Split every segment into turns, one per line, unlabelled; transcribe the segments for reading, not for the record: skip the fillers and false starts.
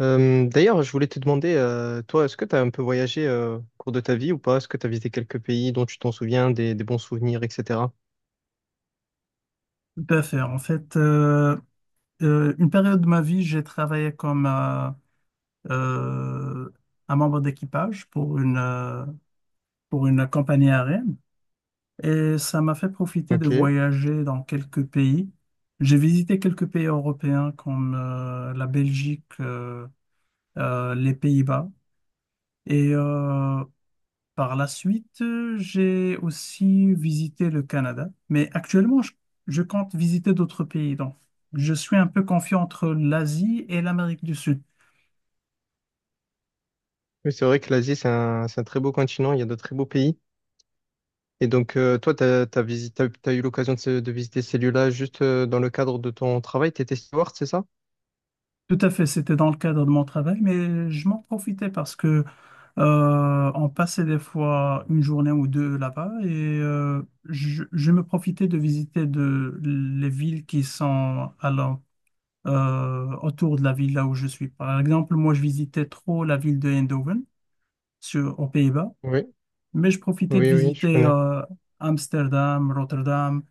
D'ailleurs, je voulais te demander, toi, est-ce que tu as un peu voyagé au cours de ta vie ou pas? Est-ce que tu as visité quelques pays dont tu t'en souviens, des bons souvenirs, etc.?
Tout à fait. En fait, une période de ma vie, j'ai travaillé comme euh, un membre d'équipage pour pour une compagnie aérienne et ça m'a fait profiter de
Ok.
voyager dans quelques pays. J'ai visité quelques pays européens comme la Belgique, les Pays-Bas et euh, Par la suite, j'ai aussi visité le Canada, mais actuellement, je compte visiter d'autres pays. Donc, je suis un peu confiant entre l'Asie et l'Amérique du Sud.
Oui, c'est vrai que l'Asie, c'est un très beau continent, il y a de très beaux pays. Et donc, toi, tu as, t'as visi- t'as- t'as eu l'occasion de, de visiter ces lieux-là juste dans le cadre de ton travail. Tu étais steward, c'est ça?
Tout à fait, c'était dans le cadre de mon travail, mais je m'en profitais parce que on passait des fois une journée ou deux là-bas et je me profitais de visiter les villes qui sont autour de la ville là où je suis. Par exemple, moi, je visitais trop la ville de Eindhoven sur, aux Pays-Bas.
Oui.
Mais je profitais de
Oui, oui, je
visiter
connais.
Amsterdam, Rotterdam.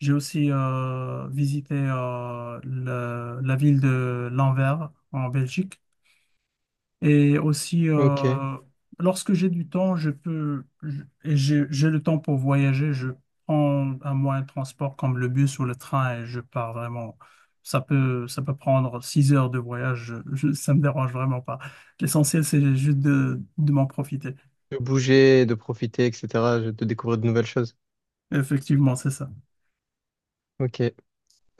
J'ai aussi visité la ville de Lanvers en Belgique. Et aussi,
Ok.
lorsque j'ai du temps, je peux, je- et j'ai le temps pour voyager, je prends un moyen de transport comme le bus ou le train et je pars vraiment. Ça peut prendre 6 heures de voyage, je, ne ça me dérange vraiment pas. L'essentiel, c'est juste de m'en profiter.
De bouger, de profiter, etc., de découvrir de nouvelles choses.
Effectivement, c'est ça.
Ok.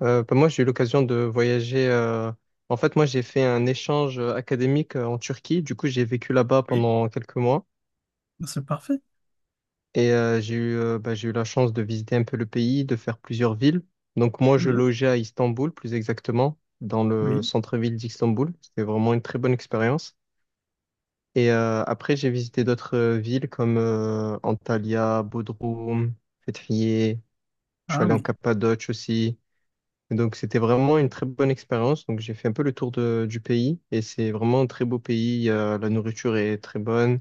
Moi, j'ai eu l'occasion de voyager. En fait, moi, j'ai fait un échange académique en Turquie. Du coup, j'ai vécu là-bas pendant quelques mois
Ah, c'est parfait.
et j'ai eu la chance de visiter un peu le pays, de faire plusieurs villes. Donc, moi, je
Oui,
logeais à Istanbul, plus exactement, dans le
oui.
centre-ville d'Istanbul. C'était vraiment une très bonne expérience. Et après, j'ai visité d'autres villes comme Antalya, Bodrum, Fethiye. Je suis
Ah
allé en
oui,
Cappadoce aussi. Et donc c'était vraiment une très bonne expérience. Donc j'ai fait un peu le tour du pays et c'est vraiment un très beau pays. La nourriture est très bonne.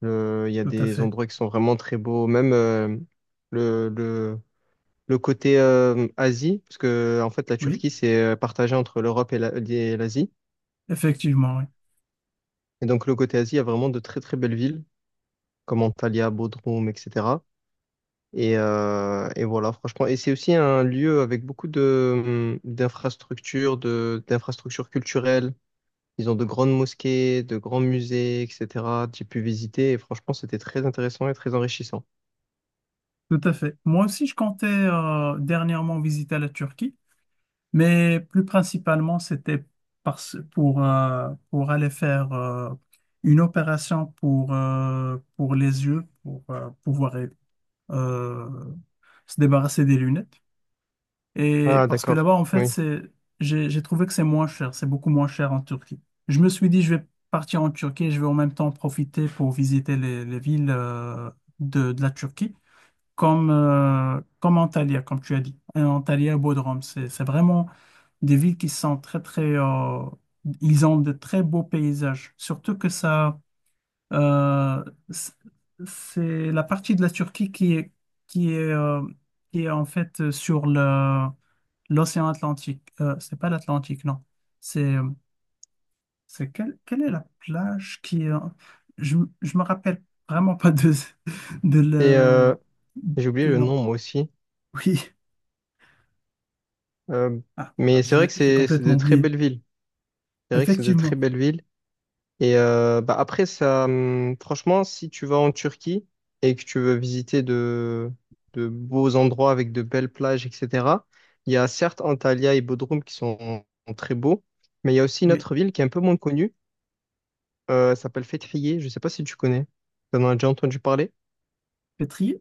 Il y a
tout à
des
fait.
endroits qui sont vraiment très beaux. Même le, le, le côté Asie, parce que en fait la
Oui,
Turquie c'est partagé entre l'Europe et et l'Asie.
effectivement, oui.
Et donc le côté Asie, il y a vraiment de très très belles villes comme Antalya, Bodrum, etc. Et voilà, franchement. Et c'est aussi un lieu avec beaucoup de, d'infrastructures, d'infrastructures culturelles. Ils ont de grandes mosquées, de grands musées, etc. J'ai pu visiter et franchement, c'était très intéressant et très enrichissant.
Tout à fait. Moi aussi, je comptais dernièrement visiter la Turquie, mais plus principalement, c'était pour aller faire une opération pour les yeux, pour pouvoir euh, se débarrasser des lunettes. Et
Ah,
parce que
d'accord.
là-bas, en fait,
Oui.
j'ai trouvé que c'est moins cher, c'est beaucoup moins cher en Turquie. Je me suis dit, je vais partir en Turquie et je vais en même temps profiter pour visiter les villes de la Turquie, comme Antalya, comme tu as dit. Et Antalya et Bodrum, c'est vraiment des villes qui sont ils ont de très beaux paysages, surtout que euh, c'est c'est la partie de la Turquie qui est, euh, qui est en fait sur le l'océan Atlantique. C'est pas l'Atlantique, non. C'est, euh, c'est quelle, quelle est la plage qui est... je me rappelle vraiment pas de
Et
le...
j'ai oublié
De
le
non.
nom, moi aussi.
Oui.
Euh,
Ah, bah,
mais c'est vrai que
je l'ai
c'est
complètement
de très
oublié.
belles villes. C'est vrai que c'est de très
Effectivement.
belles villes. Et après, ça, franchement, si tu vas en Turquie et que tu veux visiter de beaux endroits avec de belles plages, etc., il y a certes Antalya et Bodrum qui sont très beaux, mais il y a aussi une
Oui.
autre ville qui est un peu moins connue. Ça s'appelle Fêtrier, je sais pas si tu connais. T'en as déjà entendu parler?
Pétrier?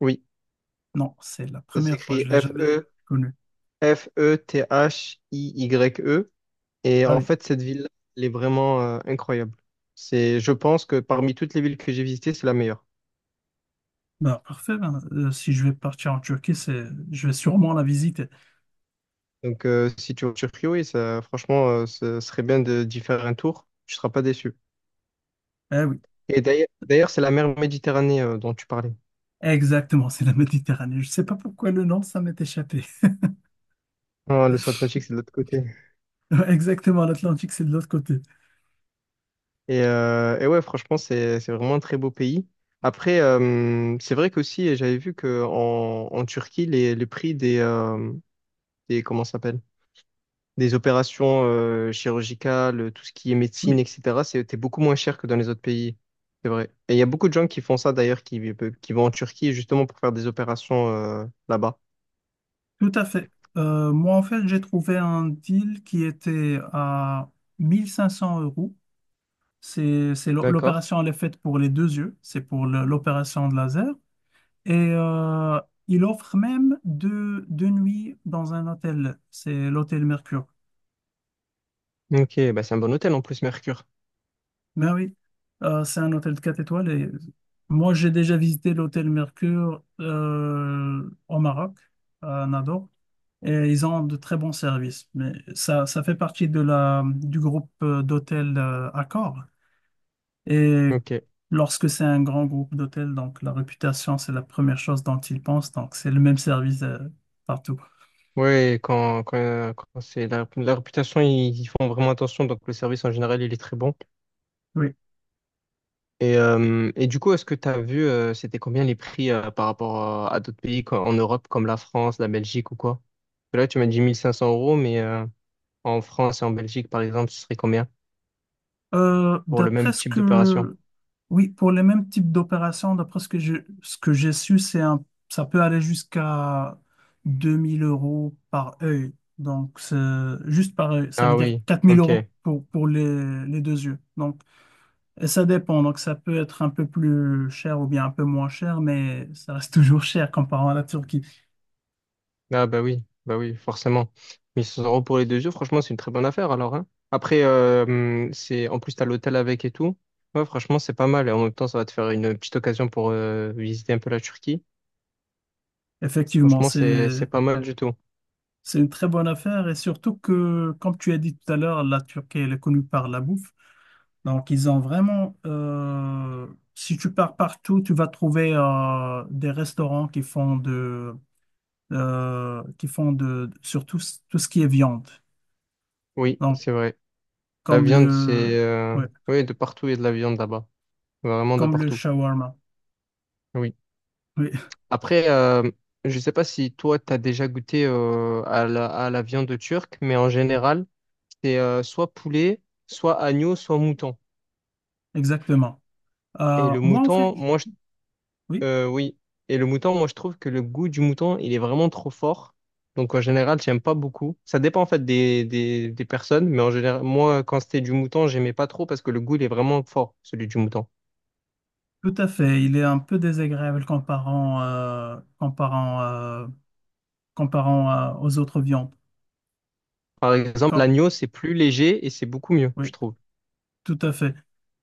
Oui.
Non, c'est la
Ça
première fois.
s'écrit
Je l'ai jamais
F-E,
connue.
F-E-T-H-I-Y-E. Et
Ah
en
oui.
fait, cette ville elle est vraiment incroyable. C'est, je pense que parmi toutes les villes que j'ai visitées, c'est la meilleure.
Bah, parfait. Ben, si je vais partir en Turquie, je vais sûrement la visiter.
Donc, si tu vas en Turquie, oui, ça, franchement, ce serait bien de, d'y faire un tour. Tu seras pas déçu.
Ah oui.
Et d'ailleurs, d'ailleurs, c'est la mer Méditerranée dont tu parlais.
Exactement, c'est la Méditerranée. Je sais pas pourquoi le nom, ça m'est échappé.
Ah, l'océan Atlantique, c'est de l'autre côté.
Exactement, l'Atlantique, c'est de l'autre côté.
Et ouais, franchement, c'est vraiment un très beau pays. Après, c'est vrai qu'aussi, j'avais vu que en Turquie, les prix des, comment ça s'appelle? Des opérations chirurgicales, tout ce qui est médecine,
Oui,
etc., c'était beaucoup moins cher que dans les autres pays. C'est vrai. Et il y a beaucoup de gens qui font ça d'ailleurs, qui vont en Turquie justement pour faire des opérations là-bas.
tout à fait. Moi, en fait, j'ai trouvé un deal qui était à mille cinq cents euros. C'est
D'accord.
l'opération, elle est faite pour les deux yeux. C'est pour l'opération de laser. Et il offre même deux nuits dans un hôtel. C'est l'hôtel Mercure.
Ok, bah c'est un bon hôtel en plus, Mercure.
Ben oui. C'est un hôtel de 4 étoiles et moi j'ai déjà visité l'hôtel Mercure au Maroc, à Nador, et ils ont de très bons services. Mais ça fait partie de du groupe d'hôtels Accor. Et
Ok.
lorsque c'est un grand groupe d'hôtels, donc la réputation c'est la première chose dont ils pensent, donc c'est le même service partout.
Ouais, quand c'est la réputation, ils font vraiment attention. Donc, le service en général, il est très bon.
Oui.
Et du coup, est-ce que tu as vu, c'était combien les prix par rapport à d'autres pays quoi, en Europe, comme la France, la Belgique ou quoi? Là, tu m'as dit 1500 euros, mais en France et en Belgique, par exemple, ce serait combien
Euh,
pour le
d'après
même
ce
type d'opération?
que, oui, pour les mêmes types d'opérations, d'après ce que ce que j'ai su, ça peut aller jusqu'à 2 000 € par œil. Donc, c'est juste par œil. Ça veut
Ah
dire
oui,
quatre mille
ok.
euros pour les deux yeux. Et ça dépend. Donc, ça peut être un peu plus cher ou bien un peu moins cher, mais ça reste toujours cher comparé à la Turquie.
Ah bah oui, forcément. 1600 euros pour les deux yeux franchement, c'est une très bonne affaire alors, hein. Après, c'est en plus t'as l'hôtel avec et tout. Ouais, franchement, c'est pas mal. Et en même temps, ça va te faire une petite occasion pour visiter un peu la Turquie.
Effectivement,
Franchement, c'est pas mal du tout.
c'est une très bonne affaire et surtout que, comme tu as dit tout à l'heure, la Turquie, elle est connue par la bouffe. Donc, ils ont vraiment, si tu pars partout, tu vas trouver des restaurants qui font qui font surtout tout ce qui est viande.
Oui,
Donc,
c'est vrai. La
comme
viande, c'est
le, ouais,
oui, de partout, il y a de la viande là-bas. Vraiment de
comme le
partout.
shawarma.
Oui.
Oui,
Après, je sais pas si toi, t'as déjà goûté à la viande turque, mais en général, c'est soit poulet, soit agneau, soit mouton.
exactement.
Et
Euh,
le
moi, en fait,
mouton,
oui,
oui. Et le mouton, moi, je trouve que le goût du mouton, il est vraiment trop fort. Donc, en général, j'aime pas beaucoup. Ça dépend, en fait, des personnes. Mais en général, moi, quand c'était du mouton, j'aimais pas trop parce que le goût, il est vraiment fort, celui du mouton.
tout à fait. Il est un peu désagréable comparant aux autres viandes.
Par exemple,
Comme,
l'agneau, c'est plus léger et c'est beaucoup mieux,
oui.
je trouve.
Tout à fait.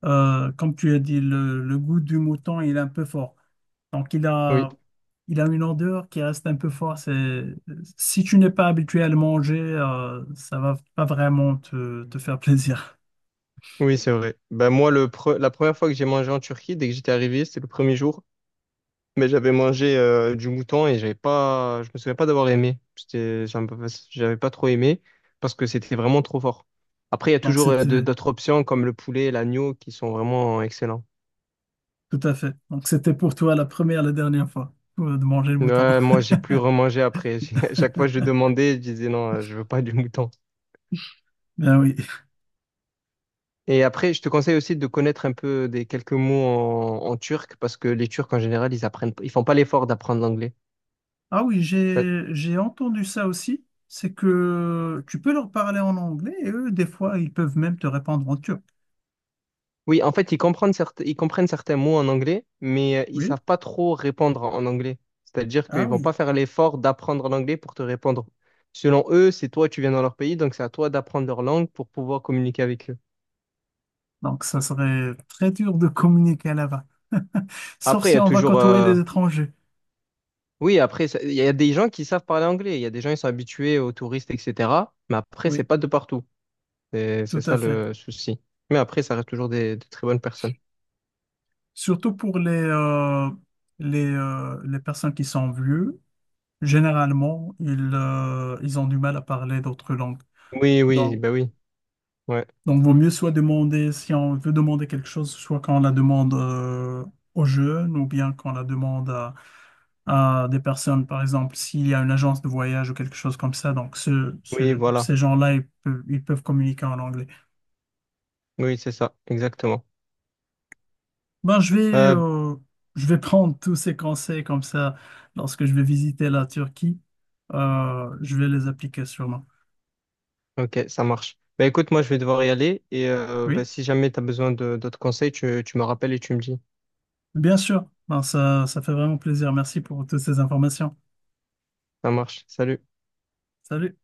Comme tu as dit, le goût du mouton, il est un peu fort. Donc,
Oui,
il a une odeur qui reste un peu forte. C'est, si tu n'es pas habitué à le manger, ça va pas vraiment te faire plaisir.
oui, c'est vrai. Ben, moi, la première fois que j'ai mangé en Turquie, dès que j'étais arrivé, c'était le premier jour. Mais j'avais mangé du mouton et j'avais pas, je me souviens pas d'avoir aimé. J'avais pas trop aimé parce que c'était vraiment trop fort. Après, il y a
Donc,
toujours
c'était
d'autres options comme le poulet et l'agneau qui sont vraiment excellents.
tout à fait. Donc, c'était pour toi la première, la dernière fois de manger le mouton.
Ouais, moi, j'ai plus remangé après. À chaque fois, je demandais, je disais non, je veux pas du mouton.
Ben oui.
Et après, je te conseille aussi de connaître un peu des quelques mots en turc parce que les Turcs, en général, ils font pas l'effort d'apprendre l'anglais.
Ah oui, j'ai entendu ça aussi. C'est que tu peux leur parler en anglais et eux, des fois, ils peuvent même te répondre en turc.
Oui, en fait, ils comprennent certains mots en anglais, mais ils
Oui.
savent pas trop répondre en en anglais. C'est-à-dire
Ah
qu'ils vont
oui.
pas faire l'effort d'apprendre l'anglais pour te répondre. Selon eux, c'est toi, tu viens dans leur pays, donc c'est à toi d'apprendre leur langue pour pouvoir communiquer avec eux.
Donc, ça serait très dur de communiquer là-bas. Sauf
Après, il y
si
a
on va
toujours,
côtoyer des étrangers.
oui, après, il y a des gens qui savent parler anglais, il y a des gens qui sont habitués aux touristes, etc. Mais après, c'est
Oui,
pas de partout. C'est
tout à
ça
fait.
le souci. Mais après, ça reste toujours des très bonnes personnes.
Surtout pour les personnes qui sont vieux, généralement, ils ont du mal à parler d'autres langues.
Oui, oui,
Donc,
ben oui, ouais,
donc, vaut mieux soit demander, si on veut demander quelque chose, soit quand on la demande, aux jeunes ou bien quand on la demande à des personnes, par exemple, s'il y a une agence de voyage ou quelque chose comme ça, donc
oui, voilà,
ces gens-là, ils peuvent communiquer en anglais.
oui, c'est ça, exactement.
Ben, je vais,
Euh,
euh, je vais prendre tous ces conseils comme ça lorsque je vais visiter la Turquie. Euh, je vais les appliquer sûrement.
Ok, ça marche. Bah écoute, moi je vais devoir y aller et
Oui,
si jamais tu as besoin de d'autres conseils, tu me rappelles et tu me dis.
bien sûr. Ben, ça fait vraiment plaisir. Merci pour toutes ces informations.
Ça marche. Salut.
Salut.